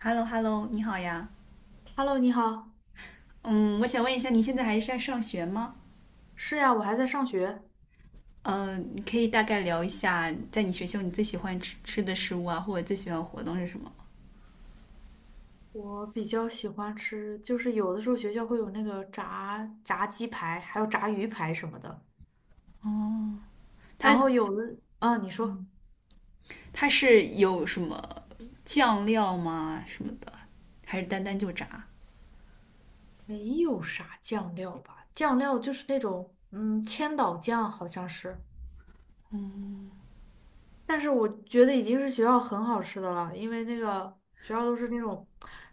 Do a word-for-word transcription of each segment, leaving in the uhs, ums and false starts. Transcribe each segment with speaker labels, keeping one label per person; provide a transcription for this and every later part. Speaker 1: Hello Hello，你好呀。
Speaker 2: Hello，你好。
Speaker 1: 嗯，我想问一下，你现在还是在上学吗？
Speaker 2: 是呀，我还在上学。
Speaker 1: 嗯，你可以大概聊一下，在你学校你最喜欢吃吃的食物啊，或者最喜欢活动是什么？
Speaker 2: 我比较喜欢吃，就是有的时候学校会有那个炸炸鸡排，还有炸鱼排什么的。
Speaker 1: 哦，它
Speaker 2: 然后有的，啊，你说
Speaker 1: 它是有什么酱料吗？什么的，还是单单就炸
Speaker 2: 没有啥酱料吧？酱料就是那种，嗯，千岛酱好像是。但是我觉得已经是学校很好吃的了，因为那个学校都是那种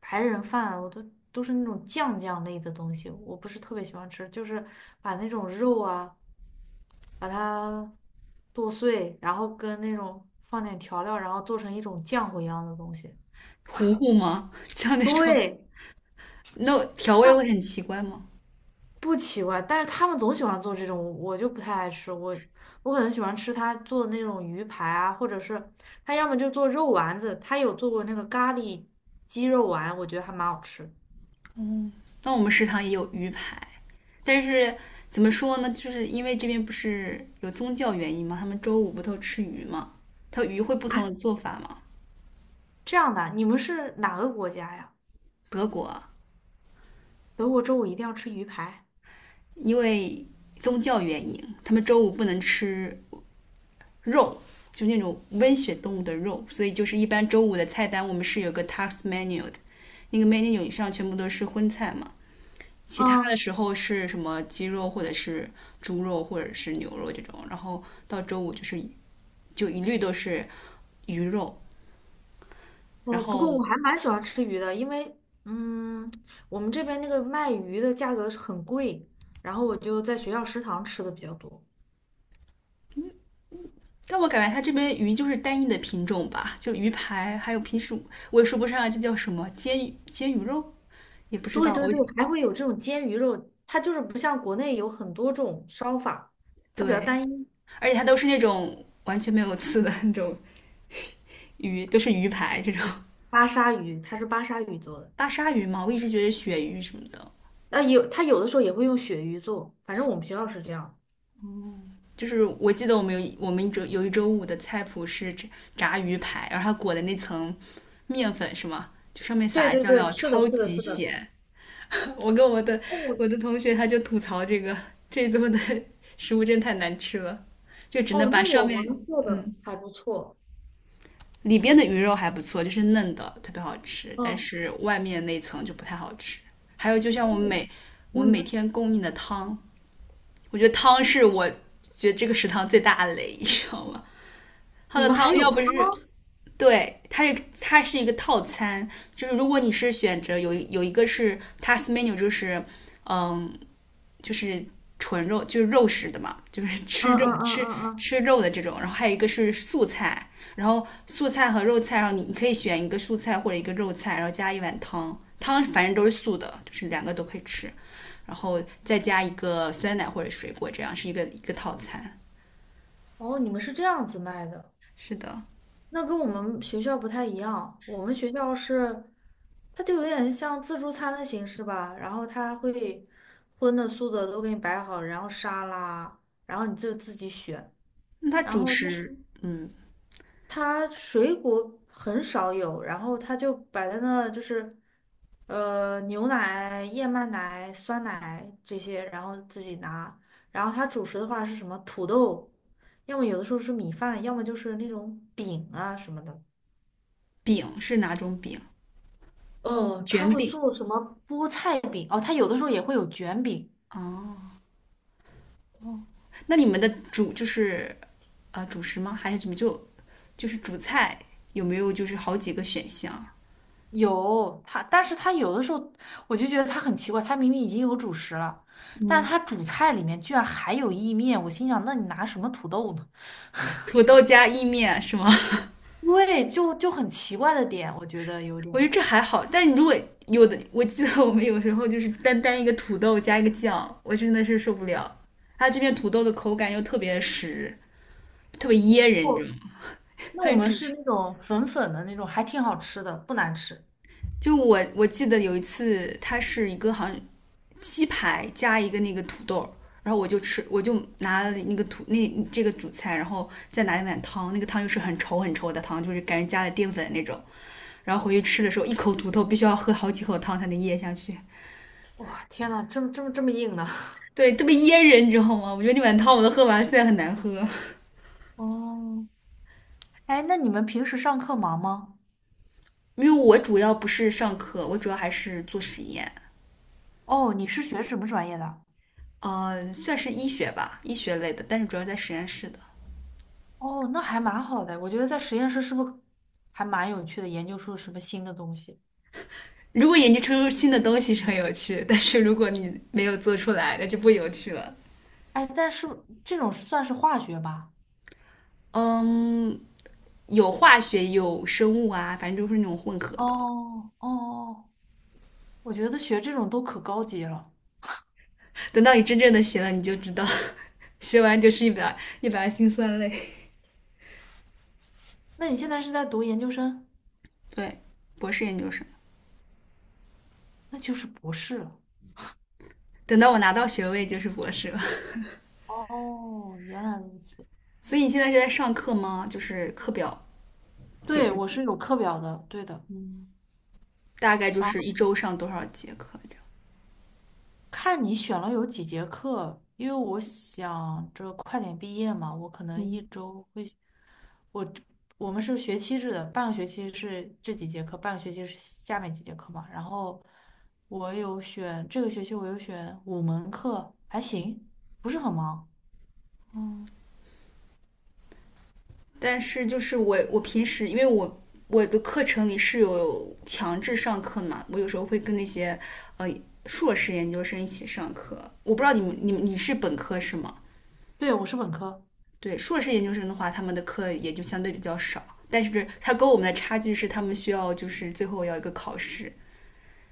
Speaker 2: 白人饭，我都都是那种酱酱类的东西，我不是特别喜欢吃，就是把那种肉啊。把它剁碎，然后跟那种放点调料，然后做成一种浆糊一样的东西。
Speaker 1: 糊糊吗？像那种
Speaker 2: 对，
Speaker 1: 那调味会
Speaker 2: 这
Speaker 1: 很奇怪吗？
Speaker 2: 不奇怪，但是他们总喜欢做这种，我就不太爱吃。我我可能喜欢吃他做的那种鱼排啊，或者是他要么就做肉丸子，他有做过那个咖喱鸡肉丸，我觉得还蛮好吃。
Speaker 1: 那我们食堂也有鱼排，但是怎么说呢？就是因为这边不是有宗教原因嘛，他们周五不都吃鱼嘛，它鱼会不
Speaker 2: 啊，
Speaker 1: 同的做法嘛。
Speaker 2: 这样的，你们是哪个国家呀？
Speaker 1: 德国
Speaker 2: 德国周五一定要吃鱼排？
Speaker 1: 因为宗教原因，他们周五不能吃肉，就那种温血动物的肉，所以就是一般周五的菜单我们是有个 tax menu 的，那个 menu 以上全部都是荤菜嘛。其他的
Speaker 2: 嗯。
Speaker 1: 时候是什么鸡肉或者是猪肉或者是牛肉这种，然后到周五就是就一律都是鱼肉，然
Speaker 2: 哦，不过
Speaker 1: 后
Speaker 2: 我还蛮喜欢吃鱼的，因为嗯，我们这边那个卖鱼的价格是很贵，然后我就在学校食堂吃的比较多。
Speaker 1: 但我感觉它这边鱼就是单一的品种吧，就鱼排，还有平时我也说不上这叫什么煎煎鱼肉，也不知
Speaker 2: 对
Speaker 1: 道
Speaker 2: 对
Speaker 1: 我
Speaker 2: 对，还会有这种煎鱼肉，它就是不像国内有很多种烧法，它比较
Speaker 1: 对，
Speaker 2: 单一。
Speaker 1: 而且它都是那种完全没有刺的那种鱼，都是鱼排这种
Speaker 2: 巴沙鱼，它是巴沙鱼做的，
Speaker 1: 巴沙鱼嘛，我一直觉得是鳕鱼什么的。
Speaker 2: 呃，有它有的时候也会用鳕鱼做，反正我们学校是这样。
Speaker 1: 就是我记得我们有我们一周有一周五的菜谱是炸鱼排，然后它裹的那层面粉是吗？就上面
Speaker 2: 对
Speaker 1: 撒的
Speaker 2: 对
Speaker 1: 酱
Speaker 2: 对，
Speaker 1: 料
Speaker 2: 是的，
Speaker 1: 超
Speaker 2: 是的，
Speaker 1: 级
Speaker 2: 是的。
Speaker 1: 咸。我跟我的
Speaker 2: 哦
Speaker 1: 我的同学他就吐槽这个这一周的食物真太难吃了，就只能
Speaker 2: 哦，
Speaker 1: 把
Speaker 2: 那
Speaker 1: 上
Speaker 2: 我
Speaker 1: 面
Speaker 2: 们做的
Speaker 1: 嗯
Speaker 2: 还不错。
Speaker 1: 里边的鱼肉还不错，就是嫩的，特别好吃，但
Speaker 2: 哦，
Speaker 1: 是外面那层就不太好吃。还有，就像我们
Speaker 2: 嗯
Speaker 1: 每我们每
Speaker 2: 嗯，
Speaker 1: 天供应的汤，我觉得汤是我觉得这个食堂最大的雷，你知道吗？它
Speaker 2: 你
Speaker 1: 的
Speaker 2: 们
Speaker 1: 汤
Speaker 2: 还有
Speaker 1: 要不
Speaker 2: 汤？
Speaker 1: 是对它也，它是一个套餐，就是如果你是选择有有一个是 task menu，就是嗯就是纯肉，就是肉食的嘛，就是
Speaker 2: 嗯
Speaker 1: 吃肉
Speaker 2: 嗯嗯
Speaker 1: 吃
Speaker 2: 嗯嗯。
Speaker 1: 吃
Speaker 2: 啊
Speaker 1: 肉的这种。然后还有一个是素菜，然后素菜和肉菜，然后你你可以选一个素菜或者一个肉菜，然后加一碗汤，汤反正都是素的，就是两个都可以吃，然后再加一个酸奶或者水果，这样是一个一个套餐。
Speaker 2: 哦，你们是这样子卖的，
Speaker 1: 是的，
Speaker 2: 那跟我们学校不太一样。我们学校是，它就有点像自助餐的形式吧，然后它会荤的素的都给你摆好，然后沙拉，然后你就自己选。
Speaker 1: 那它
Speaker 2: 然
Speaker 1: 主
Speaker 2: 后它
Speaker 1: 食，嗯，
Speaker 2: 它水果很少有，然后它就摆在那，就是呃牛奶、燕麦奶、酸奶这些，然后自己拿。然后它主食的话是什么？土豆，要么有的时候是米饭，要么就是那种饼啊什么的。
Speaker 1: 饼是哪种饼？
Speaker 2: 哦，他
Speaker 1: 卷
Speaker 2: 会
Speaker 1: 饼。
Speaker 2: 做什么菠菜饼？哦，他有的时候也会有卷饼，
Speaker 1: 哦，那你们的主就是啊、呃主食吗？还是怎么就就是主菜有没有就是好几个选项？
Speaker 2: 有他，但是他有的时候我就觉得他很奇怪，他明明已经有主食了，但
Speaker 1: 嗯，
Speaker 2: 他主菜里面居然还有意面，我心想，那你拿什么土豆呢？
Speaker 1: 土豆加意面是吗？
Speaker 2: 对，就就很奇怪的点，我觉得有
Speaker 1: 我觉
Speaker 2: 点。
Speaker 1: 得这还好，但如果有的，我记得我们有时候就是单单一个土豆加一个酱，我真的是受不了。它这边土豆的口感又特别实，特别噎人，你知
Speaker 2: 哦，
Speaker 1: 道吗？
Speaker 2: 那
Speaker 1: 还
Speaker 2: 我
Speaker 1: 有
Speaker 2: 们
Speaker 1: 主
Speaker 2: 是
Speaker 1: 食。
Speaker 2: 那种粉粉的那种，还挺好吃的，不难吃。
Speaker 1: 就我我记得有一次，它是一个好像鸡排加一个那个土豆然后我就吃，我就拿了那个土那这个主菜，然后再拿一碗汤，那个汤又是很稠很稠的汤，就是感觉加了淀粉那种。然后回去吃的时候，一口土豆必须要喝好几口汤才能咽下去，
Speaker 2: 哇，天呐，这么这么这么硬呢？
Speaker 1: 对，特别噎人，你知道吗？我觉得那碗汤我都喝完了，现在很难喝，
Speaker 2: 哦，哎，那你们平时上课忙吗？
Speaker 1: 因为我主要不是上课，我主要还是做实验，
Speaker 2: 哦，你是学什么专业的？
Speaker 1: 呃，算是医学吧，医学类的，但是主要在实验室的。
Speaker 2: 哦，那还蛮好的，我觉得在实验室是不是还蛮有趣的，研究出什么新的东西？
Speaker 1: 如果研究出新的东西是很有趣，但是如果你没有做出来，那就不有趣了。
Speaker 2: 哎，但是这种算是化学吧？
Speaker 1: 嗯，有化学，有生物啊，反正就是那种混合的。
Speaker 2: 哦哦哦，我觉得学这种都可高级了。
Speaker 1: 等到你真正的学了，你就知道，学完就是一百，一百辛酸泪。
Speaker 2: 那你现在是在读研究生？
Speaker 1: 对，博士研究生，
Speaker 2: 那就是博士了。
Speaker 1: 等到我拿到学位就是博士了。
Speaker 2: 哦，原来如此。
Speaker 1: 所以你现在是在上课吗？就是课表紧
Speaker 2: 对，
Speaker 1: 不
Speaker 2: 我
Speaker 1: 紧？
Speaker 2: 是有课表的，对的。
Speaker 1: 嗯，大概就
Speaker 2: 然
Speaker 1: 是一
Speaker 2: 后
Speaker 1: 周上多少节课这样？
Speaker 2: 看你选了有几节课，因为我想着快点毕业嘛，我可能一
Speaker 1: 嗯，
Speaker 2: 周会，我我们是学期制的，半个学期是这几节课，半个学期是下面几节课嘛。然后我有选这个学期，我有选五门课，还行，不是很忙。
Speaker 1: 哦，但是就是我我平时因为我我的课程里是有强制上课嘛，我有时候会跟那些呃硕士研究生一起上课。我不知道你们你们你是本科是吗？
Speaker 2: 对，我是本科，
Speaker 1: 对，硕士研究生的话，他们的课也就相对比较少，但是他跟我们的差距是他们需要就是最后要一个考试。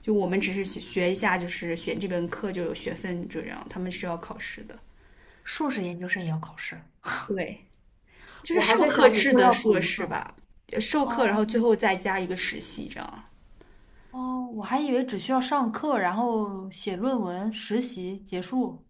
Speaker 1: 就我们只是学一下，就是选这门课就有学分这样，他们是要考试的。
Speaker 2: 硕士研究生也要考试，
Speaker 1: 对，就是
Speaker 2: 我还
Speaker 1: 授
Speaker 2: 在
Speaker 1: 课
Speaker 2: 想以
Speaker 1: 制
Speaker 2: 后
Speaker 1: 的
Speaker 2: 要
Speaker 1: 硕
Speaker 2: 读
Speaker 1: 士
Speaker 2: 呢。
Speaker 1: 吧，呃授课，然
Speaker 2: 哦，
Speaker 1: 后最后再加一个实习这样。
Speaker 2: 哦，我还以为只需要上课，然后写论文、实习结束，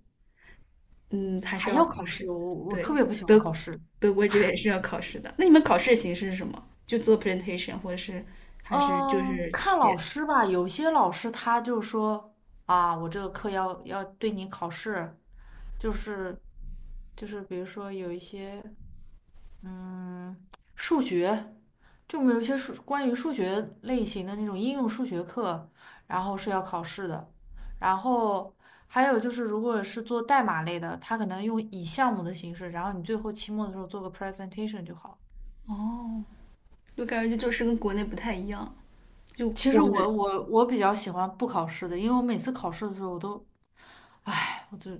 Speaker 1: 嗯，还是
Speaker 2: 还
Speaker 1: 要
Speaker 2: 要
Speaker 1: 考
Speaker 2: 考
Speaker 1: 试。
Speaker 2: 试。我我特
Speaker 1: 对，
Speaker 2: 别不喜欢
Speaker 1: 德
Speaker 2: 考
Speaker 1: 国
Speaker 2: 试。
Speaker 1: 德国这边是要考试的。那你们考试的形式是什么？就做 presentation，或者是还是就
Speaker 2: 嗯，
Speaker 1: 是
Speaker 2: 看老
Speaker 1: 写？
Speaker 2: 师吧，有些老师他就说啊，我这个课要要对你考试，就是就是比如说有一些。嗯，数学，就我们有一些数关于数学类型的那种应用数学课，然后是要考试的。然后还有就是，如果是做代码类的，它可能用以项目的形式，然后你最后期末的时候做个 presentation 就好。
Speaker 1: 哦，我感觉这就是跟国内不太一样。就
Speaker 2: 其实
Speaker 1: 我们
Speaker 2: 我我我比较喜欢不考试的，因为我每次考试的时候，我都，唉，我就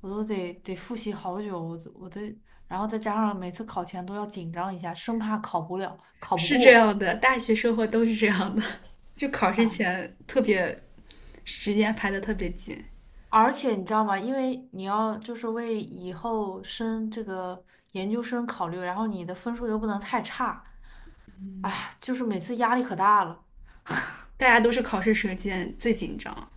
Speaker 2: 我都得得复习好久，我都我都然后再加上每次考前都要紧张一下，生怕考不了，考不
Speaker 1: 是这
Speaker 2: 过。
Speaker 1: 样的，大学生活都是这样的。就考试前特别时间排的特别紧，
Speaker 2: 而且你知道吗？因为你要就是为以后升这个研究生考虑，然后你的分数又不能太差，就是每次压力可大了。
Speaker 1: 大家都是考试时间最紧张。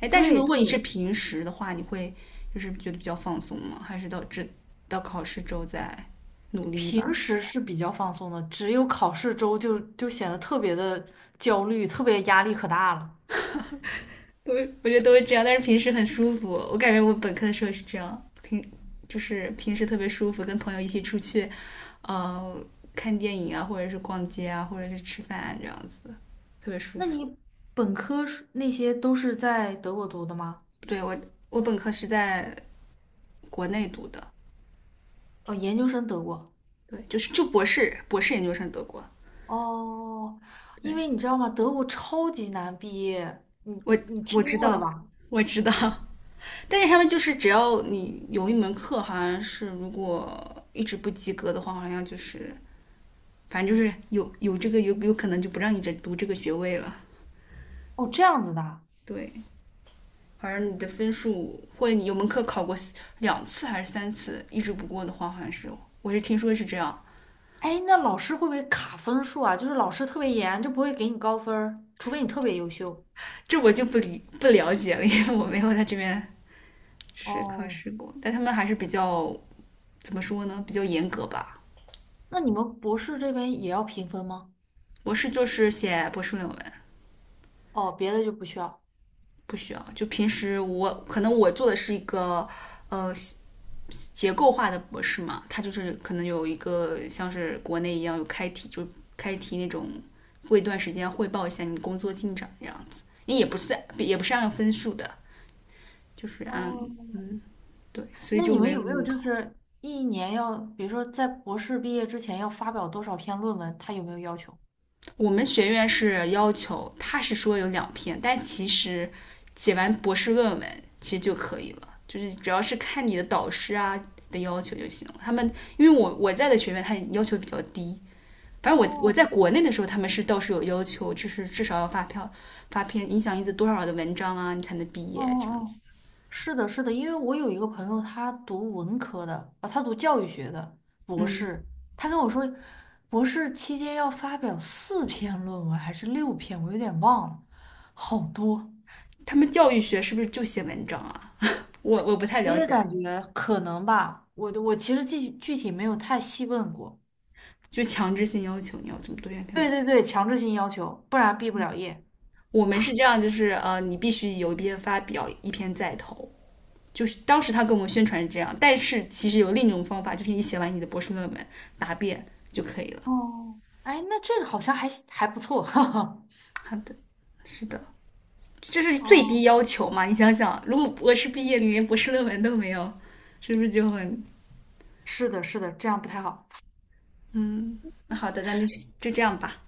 Speaker 1: 哎，但是
Speaker 2: 对
Speaker 1: 如果你是
Speaker 2: 对，
Speaker 1: 平时的话，你会就是觉得比较放松吗？还是到这到考试之后再努力一
Speaker 2: 平
Speaker 1: 把？
Speaker 2: 时是比较放松的，只有考试周就就显得特别的焦虑，特别压力可大了。
Speaker 1: 都我觉得都是这样，但是平时很舒服。我感觉我本科的时候是这样，平就是平时特别舒服，跟朋友一起出去，呃，看电影啊，或者是逛街啊，或者是吃饭啊，这样子特别舒
Speaker 2: 那
Speaker 1: 服。
Speaker 2: 你本科是那些都是在德国读的吗？
Speaker 1: 对我，我本科是在国内读的，
Speaker 2: 哦，研究生德国。
Speaker 1: 对，就是就博士，博士研究生德国。
Speaker 2: 哦，因为
Speaker 1: 对
Speaker 2: 你知道吗？德国超级难毕业，你
Speaker 1: 我
Speaker 2: 你
Speaker 1: 我
Speaker 2: 听
Speaker 1: 知
Speaker 2: 过的
Speaker 1: 道，
Speaker 2: 吧？
Speaker 1: 我知道，但是他们就是只要你有一门课，好像是如果一直不及格的话，好像就是反正就是有有这个有有可能就不让你再读这个学位了。
Speaker 2: 哦，这样子的。
Speaker 1: 对，反正你的分数或者你有门课考过两次还是三次，一直不过的话，好像是我是听说是这样，
Speaker 2: 哎，那老师会不会卡分数啊？就是老师特别严，就不会给你高分儿除非你特别优秀。
Speaker 1: 这我就不理不了解了，因为我没有在这边试是考
Speaker 2: 哦，
Speaker 1: 试过，但他们还是比较怎么说呢，比较严格吧。
Speaker 2: 那你们博士这边也要评分吗？
Speaker 1: 博士就是写博士论文，
Speaker 2: 哦，别的就不需要。
Speaker 1: 不需要。就平时我可能我做的是一个呃结构化的博士嘛，他就是可能有一个像是国内一样有开题，就开题那种，过一段时间汇报一下你工作进展这样子。你也不算，也不是按分数的，就是按
Speaker 2: 哦，
Speaker 1: 嗯对，所以
Speaker 2: 那
Speaker 1: 就
Speaker 2: 你们
Speaker 1: 没
Speaker 2: 有
Speaker 1: 有
Speaker 2: 没
Speaker 1: 那
Speaker 2: 有
Speaker 1: 种
Speaker 2: 就
Speaker 1: 考。
Speaker 2: 是一年要，比如说在博士毕业之前要发表多少篇论文？他有没有要求？
Speaker 1: 我们学院是要求，他是说有两篇，但其实写完博士论文其实就可以了，就是主要是看你的导师啊的要求就行了。他们因为我我在的学院，他要求比较低，反正我我
Speaker 2: 哦，
Speaker 1: 在国内的时候，他们是倒是有要求，就是至少要发票发篇影响因子多少的文章啊，你才能毕
Speaker 2: 哦
Speaker 1: 业这样子。
Speaker 2: 哦，是的，是的，因为我有一个朋友，他读文科的啊，他读教育学的博
Speaker 1: 嗯，
Speaker 2: 士，他跟我说，博士期间要发表四篇论文还是六篇，我有点忘了，好多。
Speaker 1: 他们教育学是不是就写文章啊？我我不太
Speaker 2: 我
Speaker 1: 了
Speaker 2: 也
Speaker 1: 解啊，
Speaker 2: 感觉可能吧，我的我其实具具体没有太细问过。
Speaker 1: 就强制性要求你要这么多篇篇
Speaker 2: 对
Speaker 1: 文。
Speaker 2: 对对，强制性要求，不然毕不了业。
Speaker 1: 我们是这样，就是呃，你必须有一篇发表，一篇再投。就是当时他跟我们宣传是这样，但是其实有另一种方法，就是你写完你的博士论文答辩就可以了。
Speaker 2: 哦，哎，那这个好像还还不错，哈哈。
Speaker 1: 好的，是的，这是最
Speaker 2: 哦，
Speaker 1: 低要求嘛？你想想，如果博士毕业你连博士论文都没有，是不是就很
Speaker 2: 是的，是的，这样不太好。
Speaker 1: 嗯？那好的，那就就这样吧。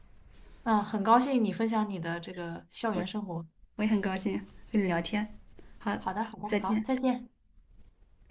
Speaker 2: 嗯，很高兴你分享你的这个校
Speaker 1: 我
Speaker 2: 园生活。
Speaker 1: 我也很高兴跟你聊天，好，
Speaker 2: 好的，好的，
Speaker 1: 再
Speaker 2: 好，
Speaker 1: 见。
Speaker 2: 再见。